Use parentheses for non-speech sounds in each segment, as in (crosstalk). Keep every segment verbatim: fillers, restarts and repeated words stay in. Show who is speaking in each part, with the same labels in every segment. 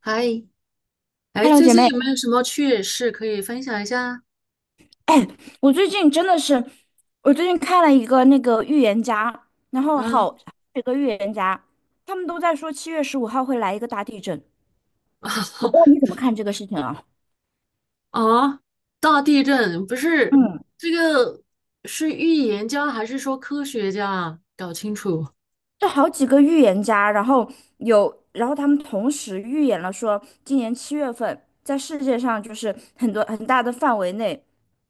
Speaker 1: 嗨，哎，
Speaker 2: Hello，
Speaker 1: 最
Speaker 2: 姐
Speaker 1: 近
Speaker 2: 妹，
Speaker 1: 有没有什么趣事可以分享一下？
Speaker 2: (clears throat) 哎，我最近真的是，我最近看了一个那个预言家，然后好
Speaker 1: 嗯。
Speaker 2: 几个预言家，他们都在说七月十五号会来一个大地震，我不知道你
Speaker 1: (laughs)
Speaker 2: 怎么看这个事情啊？
Speaker 1: 啊，大地震不是
Speaker 2: 嗯，
Speaker 1: 这个是预言家还是说科学家啊？搞清楚。
Speaker 2: 这好几个预言家，然后有，然后他们同时预言了说，今年七月份在世界上就是很多很大的范围内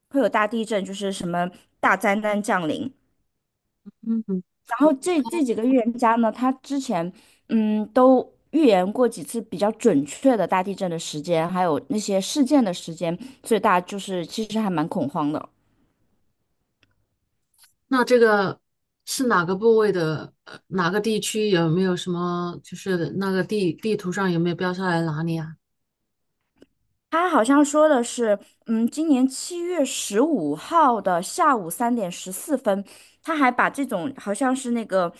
Speaker 2: 会有大地震，就是什么大灾难降临，
Speaker 1: 嗯，
Speaker 2: 然后这这几个预言家呢，他之前嗯都预言过几次比较准确的大地震的时间，还有那些事件的时间，所以大家就是其实还蛮恐慌的。
Speaker 1: 那这个是哪个部位的？呃，哪个地区有没有什么？就是那个地地图上有没有标下来哪里啊？
Speaker 2: 他好像说的是，嗯，今年七月十五号的下午三点十四分，他还把这种好像是那个，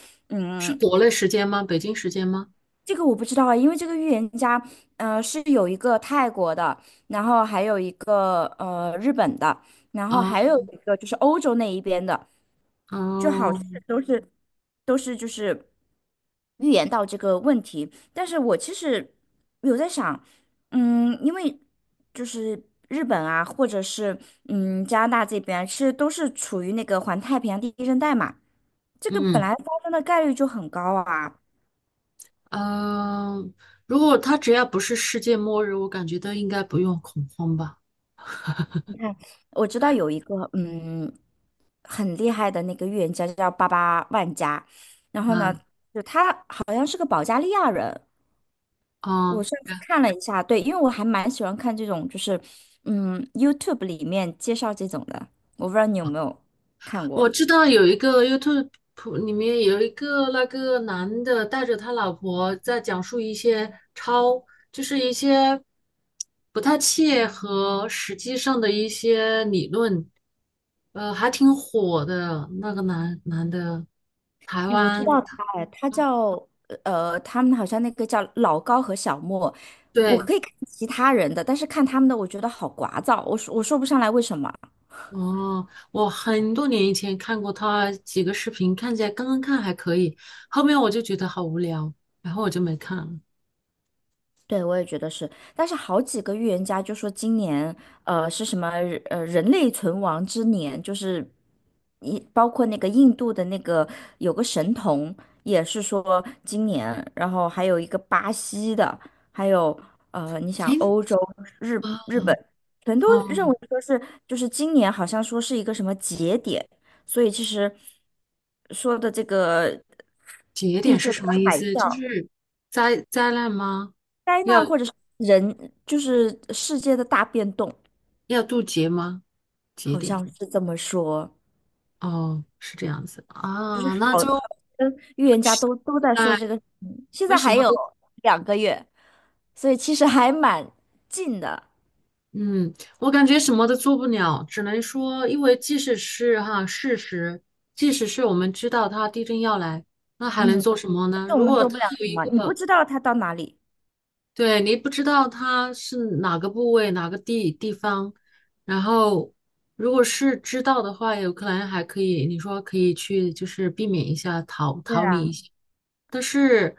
Speaker 1: 是
Speaker 2: 嗯，
Speaker 1: 国内时间吗？北京时间吗？
Speaker 2: 这个我不知道啊，因为这个预言家，呃，是有一个泰国的，然后还有一个呃日本的，然后
Speaker 1: 啊，
Speaker 2: 还有一个就是欧洲那一边的，就好
Speaker 1: 哦，
Speaker 2: 像都是都是就是预言到这个问题。但是我其实有在想，嗯，因为就是日本啊，或者是嗯加拿大这边啊，其实都是处于那个环太平洋地震带嘛，这个本
Speaker 1: 嗯。
Speaker 2: 来发生的概率就很高啊。
Speaker 1: 嗯，如果他只要不是世界末日，我感觉都应该不用恐慌吧。
Speaker 2: 你看，我知道有一个嗯很厉害的那个预言家叫巴巴万加，然后
Speaker 1: 啊
Speaker 2: 呢，好像是个保加利亚人。我
Speaker 1: 啊，
Speaker 2: 上次看了一下，对，因为我还蛮喜欢看这种，就是嗯 YouTube 里面介绍这种的，我不知道你有没有看过。
Speaker 1: 我知道有一个 YouTube 里面有一个那个男的带着他老婆在讲述一些超，就是一些不太切合实际上的一些理论，呃，还挺火的那个男男的，台
Speaker 2: 哎，我知
Speaker 1: 湾，
Speaker 2: 道他，哎，他叫呃，他们好像那个叫老高和小莫。我
Speaker 1: 对。
Speaker 2: 可以看其他人的，但是看他们的，我觉得好聒噪，我说我说不上来为什么。
Speaker 1: 哦，我很多年以前看过他几个视频，看起来刚刚看还可以，后面我就觉得好无聊，然后我就没看了。
Speaker 2: 对，我也觉得是，但是好几个预言家就说今年，呃，是什么人呃人类存亡之年，就是一包括那个印度的那个有个神童也是说今年，然后还有一个巴西的，还有呃，你想
Speaker 1: 哎，
Speaker 2: 欧洲、日日本，全都认
Speaker 1: 哦，
Speaker 2: 为说是就是今年好像说是一个什么节点，所以其实说的这个
Speaker 1: 节
Speaker 2: 地
Speaker 1: 点是
Speaker 2: 震
Speaker 1: 什么
Speaker 2: 跟
Speaker 1: 意
Speaker 2: 海
Speaker 1: 思？就
Speaker 2: 啸。
Speaker 1: 是灾灾难吗？
Speaker 2: 灾
Speaker 1: 要
Speaker 2: 难或者是人，就是世界的大变动，
Speaker 1: 要渡劫吗？节
Speaker 2: 好
Speaker 1: 点？
Speaker 2: 像是这么说。
Speaker 1: 哦，是这样子啊，那就
Speaker 2: 嗯，预言家都都在
Speaker 1: 在
Speaker 2: 说这个事情，现
Speaker 1: 为
Speaker 2: 在
Speaker 1: 什
Speaker 2: 还
Speaker 1: 么
Speaker 2: 有
Speaker 1: 都
Speaker 2: 两个月，所以其实还蛮近的。
Speaker 1: 嗯，我感觉什么都做不了，只能说，因为即使是哈事实，即使是我们知道它地震要来，那还能
Speaker 2: 嗯，
Speaker 1: 做什么
Speaker 2: 但
Speaker 1: 呢？
Speaker 2: 是我
Speaker 1: 如
Speaker 2: 们
Speaker 1: 果
Speaker 2: 做
Speaker 1: 它
Speaker 2: 不了
Speaker 1: 有
Speaker 2: 什
Speaker 1: 一
Speaker 2: 么，你不
Speaker 1: 个，
Speaker 2: 知道它到哪里。
Speaker 1: 对，你不知道它是哪个部位、哪个地地方，然后如果是知道的话，有可能还可以，你说可以去就是避免一下，逃
Speaker 2: 对
Speaker 1: 逃离一
Speaker 2: 啊。
Speaker 1: 下。但是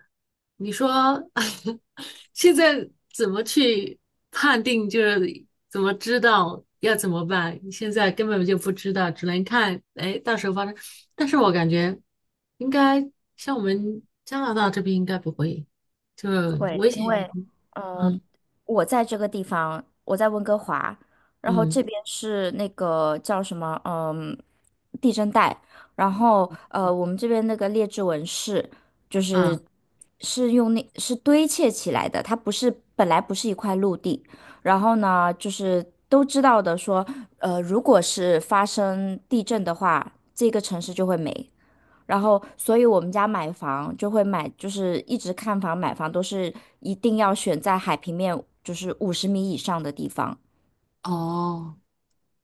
Speaker 1: 你说 (laughs) 现在怎么去判定，就是怎么知道要怎么办？现在根本就不知道，只能看，哎，到时候发生。但是我感觉应该像我们加拿大这边应该不会，就
Speaker 2: 会，
Speaker 1: 危险
Speaker 2: 因为呃，
Speaker 1: 嗯
Speaker 2: 我在这个地方，我在温哥华，然后
Speaker 1: 嗯
Speaker 2: 这边是那个叫什么，嗯，地震带，然后呃，我们这边那个列治文市就
Speaker 1: 嗯
Speaker 2: 是
Speaker 1: 啊。
Speaker 2: 是用那是堆砌起来的，它不是本来不是一块陆地，然后呢，就是都知道的说，呃，如果是发生地震的话，这个城市就会没。然后，所以我们家买房就会买，就是一直看房买房都是一定要选在海平面就是五十米以上的地方。
Speaker 1: 哦，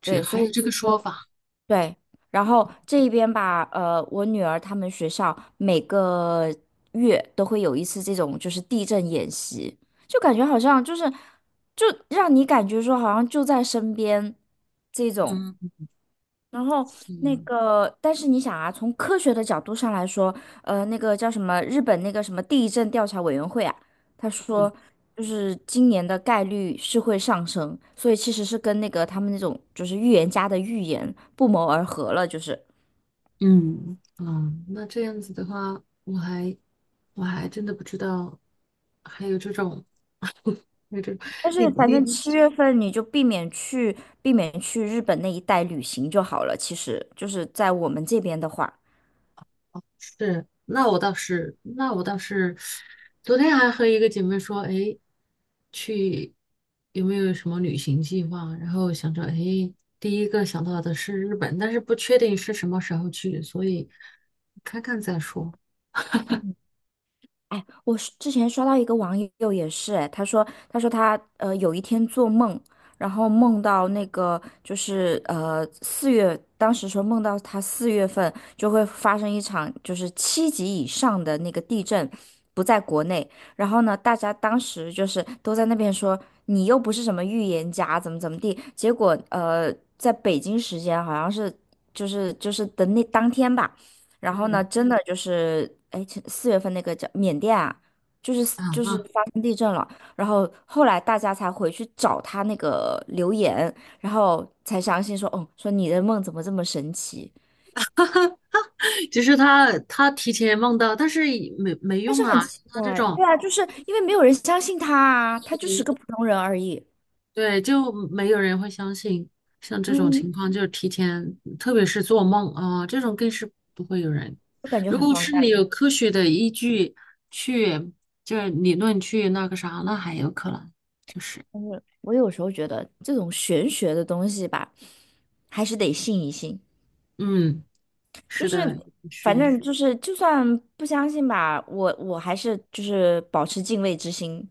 Speaker 1: 这
Speaker 2: 对，
Speaker 1: 还
Speaker 2: 所
Speaker 1: 有这
Speaker 2: 以
Speaker 1: 个说法，
Speaker 2: 对，然后这一边吧，呃，我女儿他们学校每个月都会有一次这种就是地震演习，就感觉好像就是就让你感觉说好像就在身边这种。
Speaker 1: 嗯
Speaker 2: 然后那
Speaker 1: 嗯。
Speaker 2: 个，但是你想啊，从科学的角度上来说，呃，那个叫什么日本那个什么地震调查委员会啊，他说就是今年的概率是会上升，所以其实是跟那个他们那种就是预言家的预言不谋而合了，就是。
Speaker 1: 嗯，啊，那这样子的话，我还我还真的不知道还有这种，(laughs) 有这种，
Speaker 2: 但
Speaker 1: 你
Speaker 2: 是反
Speaker 1: 你
Speaker 2: 正
Speaker 1: 你
Speaker 2: 七月份你就避免去避免去日本那一带旅行就好了，其实就是在我们这边的话。
Speaker 1: 是，那我倒是，那我倒是，昨天还和一个姐妹说，哎，去有没有什么旅行计划？然后想着，哎，第一个想到的是日本，但是不确定是什么时候去，所以看看再说。
Speaker 2: 哎，我是之前刷到一个网友也是，哎，他说，他说他呃有一天做梦，然后梦到那个就是呃四月，当时说梦到他四月份就会发生一场就是七级以上的那个地震，不在国内，然后呢，大家当时就是都在那边说你又不是什么预言家，怎么怎么地，结果呃在北京时间好像是就是就是的那当天吧。然后呢，
Speaker 1: 嗯
Speaker 2: 真的就是，哎，前四月份那个叫缅甸啊，就是就是
Speaker 1: 啊。
Speaker 2: 发生地震了，然后后来大家才回去找他那个留言，然后才相信说，哦，说你的梦怎么这么神奇？
Speaker 1: 其实他他提前梦到，但是也没没
Speaker 2: 但
Speaker 1: 用
Speaker 2: 是很
Speaker 1: 啊。
Speaker 2: 奇
Speaker 1: 像他这
Speaker 2: 怪，
Speaker 1: 种，
Speaker 2: 对啊，就是因为没有人相信他啊，他就是个普通人而已，
Speaker 1: 对，就没有人会相信。像这种
Speaker 2: 嗯，
Speaker 1: 情况，就是提前，特别是做梦啊，这种更是不会有人。
Speaker 2: 我感觉
Speaker 1: 如
Speaker 2: 很
Speaker 1: 果
Speaker 2: 荒
Speaker 1: 是你
Speaker 2: 诞。
Speaker 1: 有科学的依据去，就是理论去那个啥，那还有可能。就是，
Speaker 2: 但是我有时候觉得这种玄学的东西吧，还是得信一信。
Speaker 1: 嗯，
Speaker 2: 就
Speaker 1: 是
Speaker 2: 是
Speaker 1: 的，
Speaker 2: 反
Speaker 1: 轩。
Speaker 2: 正就是，就算不相信吧，我我还是就是保持敬畏之心。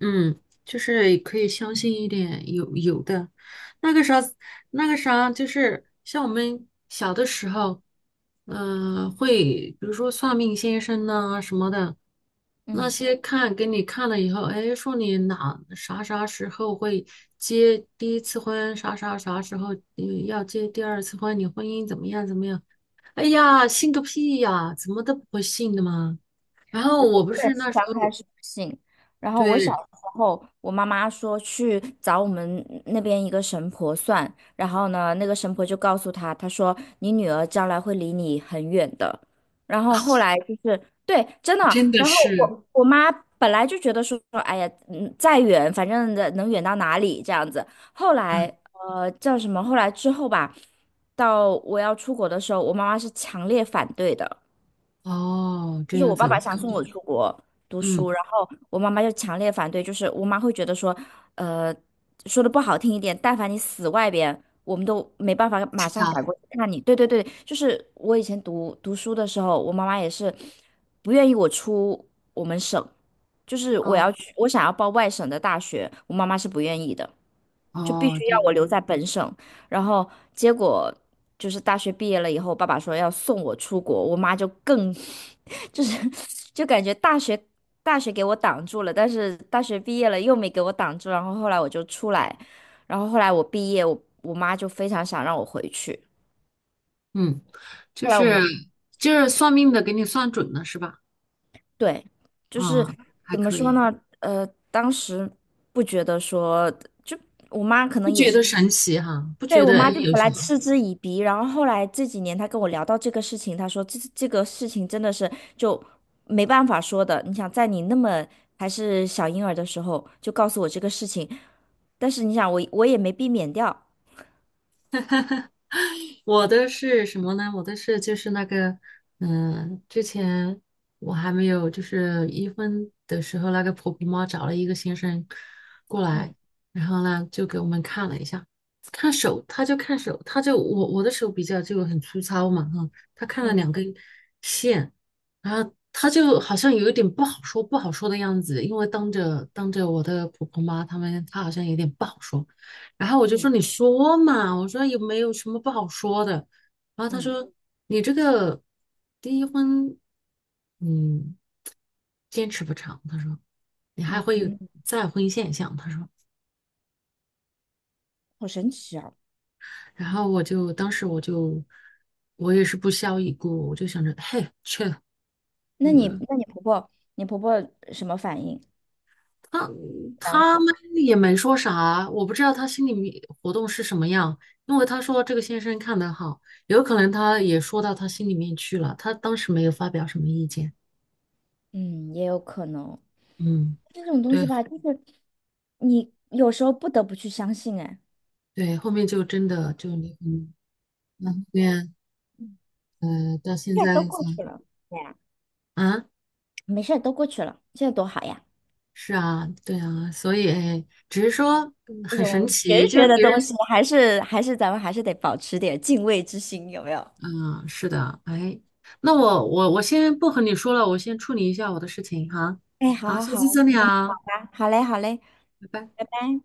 Speaker 1: 嗯，就是可以相信一点，有有的，那个啥，那个啥，就是像我们小的时候，嗯、会比如说算命先生呐、什么的，那
Speaker 2: 嗯。
Speaker 1: 些看给你看了以后，哎，说你哪啥啥时候会结第一次婚，啥啥啥时候嗯要结第二次婚，你婚姻怎么样怎么样？哎呀，信个屁呀，怎么都不会信的嘛。然后
Speaker 2: 我
Speaker 1: 我
Speaker 2: 我
Speaker 1: 不
Speaker 2: 也
Speaker 1: 是那
Speaker 2: 是
Speaker 1: 时
Speaker 2: 刚开
Speaker 1: 候，
Speaker 2: 始不信，然后我小
Speaker 1: 对，
Speaker 2: 时候，我妈妈说去找我们那边一个神婆算，然后呢，那个神婆就告诉她，她说你女儿将来会离你很远的。然后后来就是对，真的，
Speaker 1: 真的
Speaker 2: 然后
Speaker 1: 是。
Speaker 2: 我我妈本来就觉得说，哎呀，嗯，再远反正的能远到哪里这样子。后来呃叫什么？后来之后吧，到我要出国的时候，我妈妈是强烈反对的。
Speaker 1: 哦，
Speaker 2: 就
Speaker 1: 这
Speaker 2: 是
Speaker 1: 样
Speaker 2: 我爸
Speaker 1: 子，我
Speaker 2: 爸想
Speaker 1: 感
Speaker 2: 送
Speaker 1: 觉，
Speaker 2: 我出国读书，
Speaker 1: 嗯，
Speaker 2: 然后我妈妈就强烈反对，就是我妈会觉得说，呃，说的不好听一点，但凡你死外边，我们都没办法马
Speaker 1: 知
Speaker 2: 上
Speaker 1: 道，
Speaker 2: 赶过去看你。对对对，就是我以前读读书的时候，我妈妈也是不愿意我出我们省，就是我
Speaker 1: 哦。
Speaker 2: 要去，我想要报外省的大学，我妈妈是不愿意的，就必
Speaker 1: 哦，
Speaker 2: 须
Speaker 1: 这
Speaker 2: 要
Speaker 1: 样
Speaker 2: 我
Speaker 1: 啊，
Speaker 2: 留在本省。然后结果就是大学毕业了以后，爸爸说要送我出国，我妈就更 (laughs) 就是就感觉大学大学给我挡住了，但是大学毕业了又没给我挡住，然后后来我就出来，然后后来我毕业，我我妈就非常想让我回去，
Speaker 1: 嗯，就
Speaker 2: 后来我
Speaker 1: 是
Speaker 2: 们
Speaker 1: 就是算命的给你算准了是吧？
Speaker 2: 对，就是
Speaker 1: 啊、还
Speaker 2: 怎么
Speaker 1: 可
Speaker 2: 说
Speaker 1: 以，
Speaker 2: 呢，呃，当时不觉得说，就我妈可能
Speaker 1: 不
Speaker 2: 也
Speaker 1: 觉
Speaker 2: 是。
Speaker 1: 得神奇哈、不
Speaker 2: 对，
Speaker 1: 觉
Speaker 2: 我
Speaker 1: 得哎
Speaker 2: 妈就
Speaker 1: 有
Speaker 2: 本
Speaker 1: 什
Speaker 2: 来嗤之以鼻，然后后来这几年她跟我聊到这个事情，她说这这个事情真的是就没办法说的。你想在你那么还是小婴儿的时候就告诉我这个事情，但是你想我我也没避免掉，
Speaker 1: (laughs) 我的是什么呢？我的是就是那个，嗯、之前我还没有就是一婚的时候，那个婆婆妈找了一个先生过来，
Speaker 2: 嗯
Speaker 1: 然后呢就给我们看了一下，看手，他就看手，他就我我的手比较就很粗糙嘛，哈，他看了
Speaker 2: 嗯
Speaker 1: 两根线，然后他就好像有一点不好说不好说的样子，因为当着当着我的婆婆妈他们，他好像有点不好说。然后我就说
Speaker 2: 嗯
Speaker 1: 你说嘛，我说有没有什么不好说的？然后他
Speaker 2: 嗯
Speaker 1: 说你这个第一婚，嗯，坚持不长。他说你还
Speaker 2: 嗯
Speaker 1: 会有
Speaker 2: 嗯，
Speaker 1: 再婚现象。他说，
Speaker 2: 好神奇啊！
Speaker 1: 然后我就当时我就我也是不屑一顾，我就想着嘿去，
Speaker 2: 那你
Speaker 1: 嗯，
Speaker 2: 那你婆婆你婆婆什么反应？
Speaker 1: 他
Speaker 2: 当
Speaker 1: 他
Speaker 2: 时
Speaker 1: 们也没说啥，我不知道他心里面活动是什么样，因为他说这个先生看的好。有可能他也说到他心里面去了，他当时没有发表什么意见。
Speaker 2: 嗯也有可能
Speaker 1: 嗯，
Speaker 2: 这种东
Speaker 1: 对
Speaker 2: 西吧，就是你有时候不得不去相信，哎，
Speaker 1: 对，后面就真的就离婚，那后面呃到现
Speaker 2: 这
Speaker 1: 在
Speaker 2: 都过
Speaker 1: 才
Speaker 2: 去了。对，
Speaker 1: 啊，
Speaker 2: 没事儿，都过去了，这多好呀！
Speaker 1: 是啊，对啊，所以只是说嗯
Speaker 2: 这
Speaker 1: 很
Speaker 2: 种
Speaker 1: 神
Speaker 2: 玄
Speaker 1: 奇，就
Speaker 2: 学
Speaker 1: 是
Speaker 2: 的
Speaker 1: 别人
Speaker 2: 东西，还是还是咱们还是得保持点敬畏之心，有没有？
Speaker 1: 嗯、是的，哎，那我我我先不和你说了，我先处理一下我的事情哈，
Speaker 2: 哎，好
Speaker 1: 好，
Speaker 2: 好
Speaker 1: 下次
Speaker 2: 好，
Speaker 1: 再聊，
Speaker 2: 好嘞，好嘞，
Speaker 1: 拜拜。
Speaker 2: 拜拜。